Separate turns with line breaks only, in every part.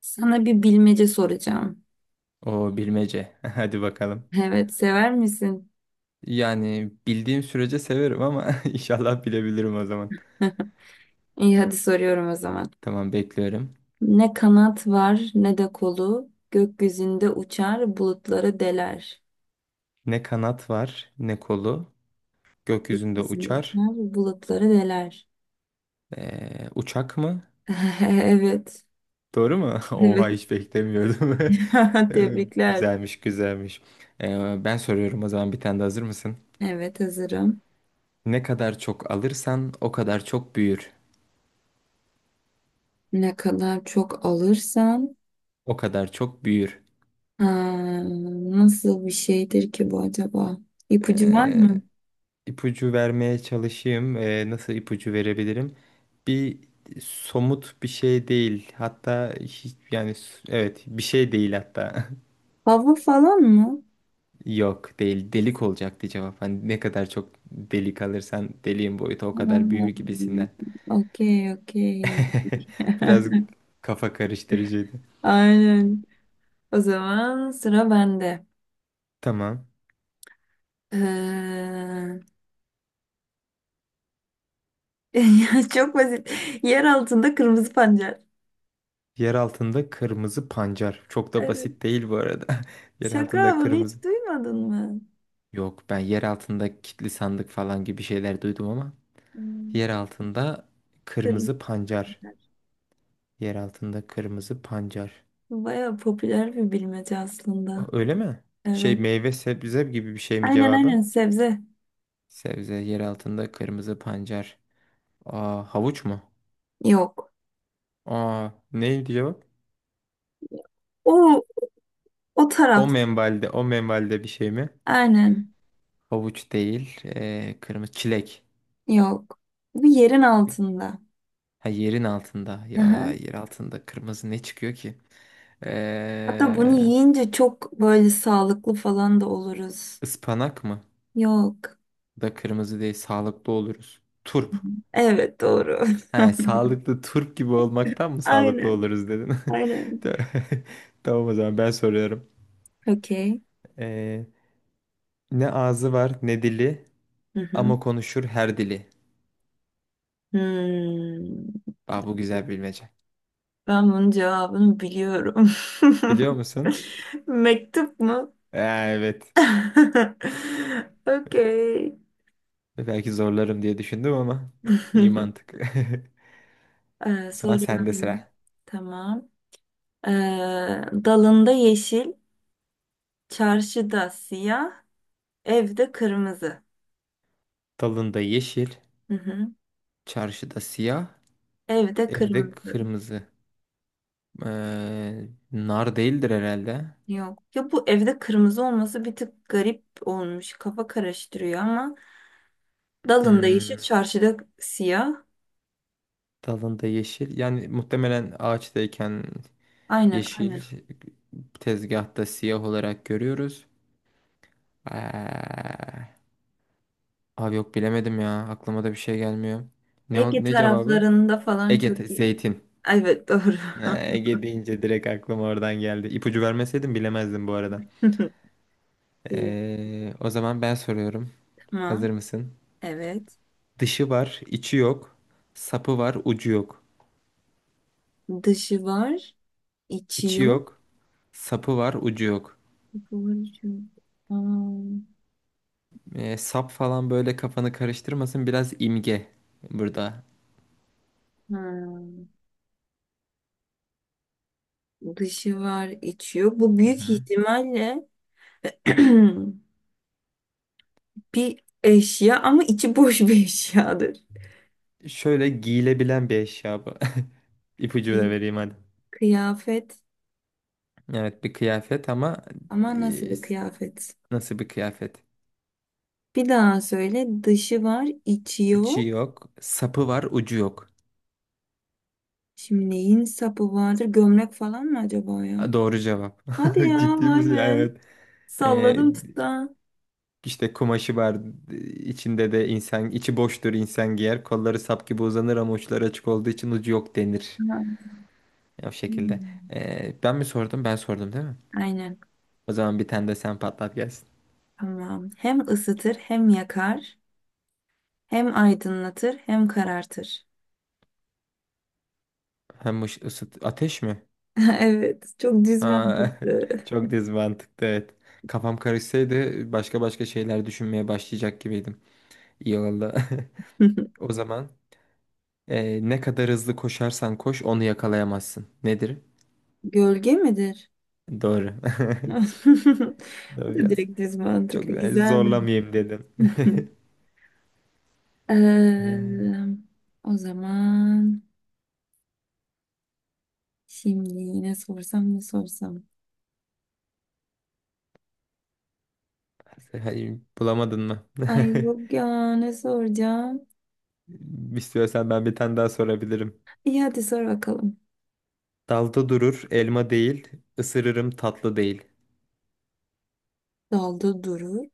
Sana bir bilmece soracağım.
O bilmece. Hadi bakalım.
Evet, sever misin?
Yani bildiğim sürece severim ama inşallah bilebilirim o zaman.
İyi, hadi soruyorum o zaman.
Tamam bekliyorum.
Ne kanat var ne de kolu, gökyüzünde uçar bulutları deler.
Ne kanat var, ne kolu. Gökyüzünde
Gökyüzünde
uçar.
uçar bulutları deler.
Uçak mı?
Evet,
Doğru mu? Oha
evet.
hiç beklemiyordum. Ee,
Tebrikler.
Güzelmiş, güzelmiş. Ben soruyorum o zaman, bir tane de, hazır mısın?
Evet, hazırım.
Ne kadar çok alırsan o kadar çok büyür.
Ne kadar çok alırsan.
O kadar çok büyür.
Ha, nasıl bir şeydir ki bu acaba? İpucu var
Ee,
mı?
ipucu vermeye çalışayım. Nasıl ipucu verebilirim? Bir Somut bir şey değil. Hatta hiç, yani evet bir şey değil hatta.
Hava falan mı?
Yok değil. Delik olacaktı cevap. Hani ne kadar çok delik alırsan deliğin boyutu o
Ha,
kadar büyür gibisinden.
okey, okey.
Biraz kafa karıştırıcıydı.
Aynen. O zaman sıra bende.
Tamam.
Ee, ya çok basit. Yer altında kırmızı pancar.
Yer altında kırmızı pancar. Çok da
Evet.
basit değil bu arada. Yer
Şaka,
altında
bunu hiç
kırmızı.
duymadın mı?
Yok, ben yer altında kilitli sandık falan gibi şeyler duydum ama.
Hmm.
Yer altında kırmızı
Kırmızı
pancar.
pancar.
Yer altında kırmızı pancar.
Baya popüler bir bilmece aslında.
Öyle mi? Şey,
Evet.
meyve sebze gibi bir şey mi
Aynen
cevabı?
aynen, sebze.
Sebze yer altında kırmızı pancar. Aa, havuç mu?
Yok.
Aa, neydi cevap?
O o
O
taraf.
menbalde, o menbalde bir şey mi?
Aynen.
Havuç değil. Kırmızı çilek.
Yok. Bu yerin altında.
Ha, yerin altında. Ya
Aha.
yer altında kırmızı ne çıkıyor ki?
Hatta bunu
Ee,
yiyince çok böyle sağlıklı falan da oluruz.
ıspanak mı?
Yok.
Da kırmızı değil, sağlıklı oluruz. Turp.
Evet, doğru.
Ha, sağlıklı turp gibi olmaktan mı sağlıklı
Aynen.
oluruz dedin?
Aynen.
Ta- Tamam, o zaman ben soruyorum.
Okey.
Ee, Ne ağzı var ne dili
Hı hı.
ama konuşur her dili.
Hmm.
Aa, bu güzel bilmece.
Ben bunun cevabını biliyorum.
Biliyor musun?
Mektup mu?
Ee, evet.
Okey.
Belki zorlarım diye düşündüm ama iyi mantık. O zaman sende
Soruyorum.
sıra.
Tamam. Ee, dalında yeşil, çarşıda siyah, evde kırmızı.
Dalında yeşil,
Hı hı.
çarşıda siyah,
Evde
evde
kırmızı.
kırmızı. Nar değildir herhalde.
Yok. Ya bu evde kırmızı olması bir tık garip olmuş. Kafa karıştırıyor ama dalında yeşil,
Hmm.
çarşıda siyah.
Dalında yeşil. Yani muhtemelen ağaçtayken
Aynen,
yeşil,
aynen.
tezgahta siyah olarak görüyoruz. Eee, Abi yok bilemedim ya. Aklıma da bir şey gelmiyor. Ne ol-
Ege
ne cevabı?
taraflarında falan
Ege
çok iyi.
zeytin.
Evet, doğru.
Ege deyince direkt aklıma oradan geldi. İpucu vermeseydim bilemezdim bu arada.
İyi,
O zaman ben soruyorum.
tamam.
Hazır mısın?
Evet.
Dışı var, içi yok. Sapı var, ucu yok.
Dışı var, içi
İçi
yok.
yok, sapı var, ucu yok.
Burcu. Hmm,
Sap falan böyle kafanı karıştırmasın. Biraz imge burada.
hmm. Dışı var, içi yok. Bu
Hı hı.
büyük ihtimalle bir eşya ama içi boş bir eşyadır.
Şöyle giyilebilen bir eşya bu. İpucu da
Bir
vereyim hadi.
kıyafet.
Evet, bir kıyafet ama
Ama nasıl
e,
bir kıyafet?
nasıl bir kıyafet?
Bir daha söyle. Dışı var, içi
İçi
yok.
yok, sapı var, ucu yok.
Şimdi neyin sapı vardır? Gömlek falan mı acaba ya?
Ha, doğru cevap.
Hadi ya,
Ciddi
vay
misin?
be.
Evet. E,
Salladım tuttu. Ha.
işte kumaşı var. İçinde de insan, içi boştur, insan giyer. Kolları sap gibi uzanır ama uçları açık olduğu için ucu yok denir. O şekilde.
Hmm.
Ben mi sordum? Ben sordum değil mi?
Aynen.
O zaman bir tane de sen patlat gelsin.
Tamam. Hem ısıtır, hem yakar, hem aydınlatır, hem karartır.
Hem ış- ısıt Ateş mi?
Evet, çok düz
Ha,
mantıklı.
çok düz mantıklı, evet. Kafam karışsaydı başka başka şeyler düşünmeye başlayacak gibiydim. İyi oldu. O zaman ne kadar hızlı koşarsan koş onu yakalayamazsın. Nedir?
Gölge midir?
Doğru.
Bu
Doğru
da
biraz.
direkt düz mantıklı.
Çok
Güzeldi.
zorlamayayım dedim. Ee,
Eee, o zaman şimdi ne sorsam, ne sorsam.
Hayır, bulamadın mı?
Ay yok ya, ne soracağım.
İstiyorsan ben bir tane daha sorabilirim.
İyi, hadi sor bakalım.
Dalda durur elma değil, ısırırım tatlı değil.
Dalda durur.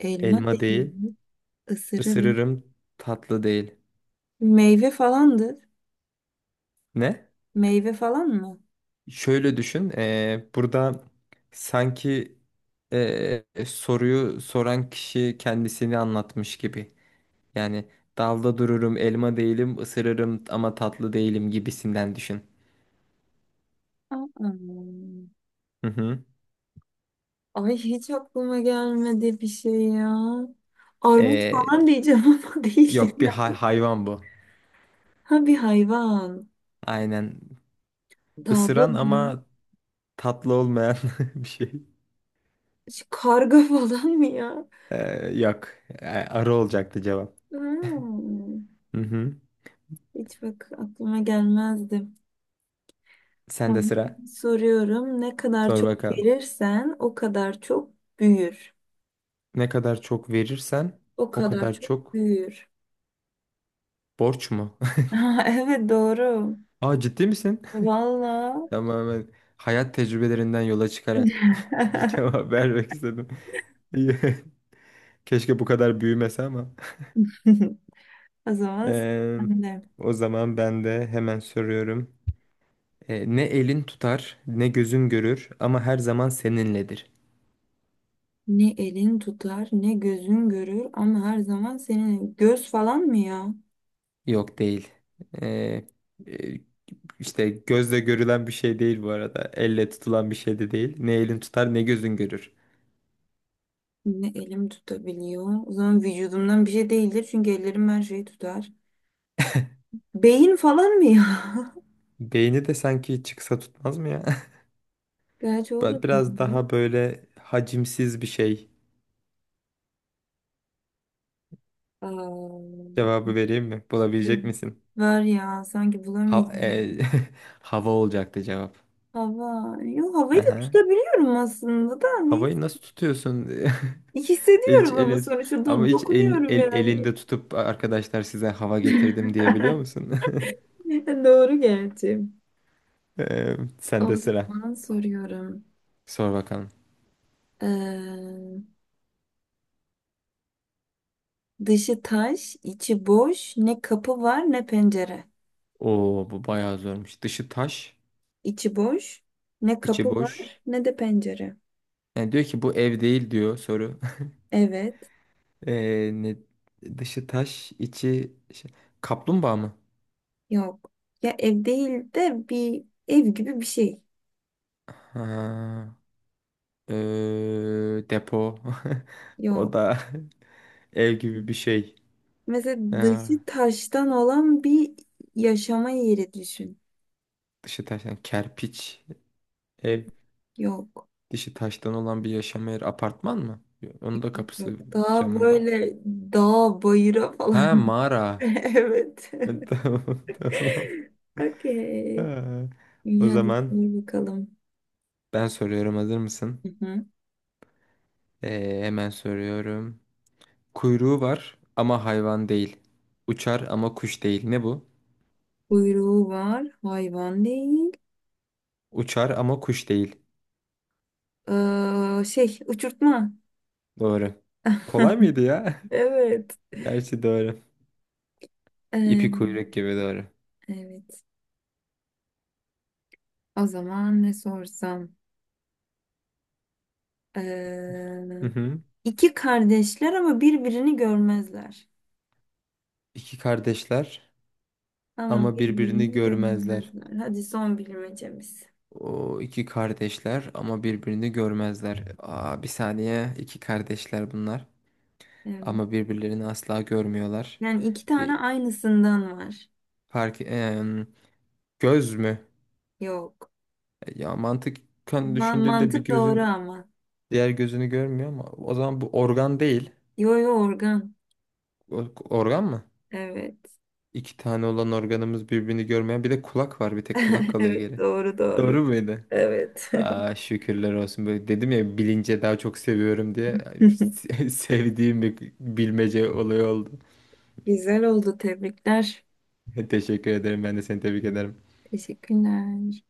Elma
Elma değil.
değildir. Isırırım.
Isırırım tatlı değil.
Meyve falandır.
Ne?
Meyve falan mı?
Şöyle düşün. Burada sanki soruyu soran kişi kendisini anlatmış gibi. Yani dalda dururum, elma değilim, ısırırım ama tatlı değilim gibisinden düşün.
Aa,
Hı hı.
ay hiç aklıma gelmedi bir şey ya. Armut falan
Eee,
diyeceğim ama değildir
Yok, bir
ya.
hayvan bu.
Ha, bir hayvan.
Aynen.
Dalda
Isıran
durur.
ama tatlı olmayan bir şey.
Şu karga falan mı ya?
Yok. Arı olacaktı cevap.
Hmm.
Hı hı.
Hiç bak aklıma gelmezdi.
Sen de
Tamam.
sıra.
Soruyorum. Ne kadar
Sor
çok
bakalım.
verirsen o kadar çok büyür.
Ne kadar çok verirsen
O
o
kadar
kadar
çok
çok,
büyür.
borç mu?
Ha, evet, doğru.
Aa, ciddi misin?
Valla.
Tamamen hayat tecrübelerinden yola çıkarak bir cevap vermek istedim. İyi. Keşke bu kadar büyümese ama.
O zaman
Ee,
sen de.
O zaman ben de hemen soruyorum. Ne elin tutar, ne gözün görür ama her zaman seninledir.
Ne elin tutar ne gözün görür ama her zaman senin, göz falan mı ya?
Yok değil. Ee, e, işte gözle görülen bir şey değil bu arada. Elle tutulan bir şey de değil. Ne elin tutar, ne gözün görür.
Ne elim tutabiliyor? O zaman vücudumdan bir şey değildir çünkü ellerim her şeyi tutar. Beyin falan mı ya?
Beyni de sanki çıksa tutmaz mı ya?
Gerçi o da
Ben biraz
doğru.
daha böyle hacimsiz bir şey
Aa.
cevabı vereyim mi?
Ee.
Bulabilecek misin?
Var ya sanki
Ha- e,
bulamayacağım.
Hava olacaktı cevap.
Hava. Yo, havayı da
Aha.
tutabiliyorum aslında da
Havayı
neyse.
nasıl tutuyorsun? El, hiç
Hissediyorum ama
elin-
sonuçta
Ama hiç
dokunuyorum yani.
elinde tutup, arkadaşlar size hava getirdim, diyebiliyor musun?
Doğru gerçi. O
Sende sıra.
zaman soruyorum.
Sor bakalım.
Ee, dışı taş, içi boş, ne kapı var ne pencere.
Oo, bu bayağı zormuş. Dışı taş,
İçi boş, ne kapı
içi boş.
var ne de pencere.
Yani diyor ki bu ev değil diyor soru.
Evet,
Ee, ne, Dışı taş, içi kaplumbağa mı?
yok. Ya ev değil de bir ev gibi bir şey.
Ha, depo. O
Yok.
da ev gibi bir şey.
Mesela
Ha,
dışı taştan olan bir yaşama yeri düşün.
dışı taştan kerpiç ev.
Yok.
Dışı taştan olan bir yaşam yeri, apartman mı? Onun da
Yok.
kapısı,
Daha
camı var.
böyle dağ bayıra
Ha,
falan.
mağara.
Evet.
Tamam, tamam.
Okey.
Ha, o
İyi, hadi sor
zaman
bakalım.
ben soruyorum, hazır mısın?
Hı hı.
Hemen soruyorum. Kuyruğu var ama hayvan değil. Uçar ama kuş değil. Ne bu?
Kuyruğu var. Hayvan değil.
Uçar ama kuş değil.
Şey, uçurtma.
Doğru. Kolay mıydı ya?
Evet.
Gerçi doğru.
Ee,
İpi kuyruk gibi, doğru.
evet. O zaman ne sorsam? Ee,
Hı hı.
iki kardeşler ama birbirini görmezler.
İki kardeşler
Ama
ama birbirini
birbirini
görmezler.
görmezler. Hadi son bilmecemiz.
O, iki kardeşler ama birbirini görmezler. Aa, bir saniye. İki kardeşler bunlar.
Evet.
Ama birbirlerini asla görmüyorlar.
Yani iki
Bir
tane aynısından var.
fark... göz mü?
Yok.
Ya mantıken düşündüğünde bir
Mantık doğru
gözün
ama.
diğer gözünü görmüyor ama o zaman bu organ değil.
Yo yo, organ.
Organ mı?
Evet.
İki tane olan organımız birbirini görmeyen, bir de kulak var. Bir tek kulak kalıyor
Evet,
geri.
doğru doğru.
Doğru muydu?
Evet.
Aa, şükürler olsun. Böyle dedim ya, bilince daha çok seviyorum diye, sevdiğim bir bilmece olayı oldu.
Güzel oldu. Tebrikler.
Teşekkür ederim. Ben de seni tebrik ederim.
Teşekkürler.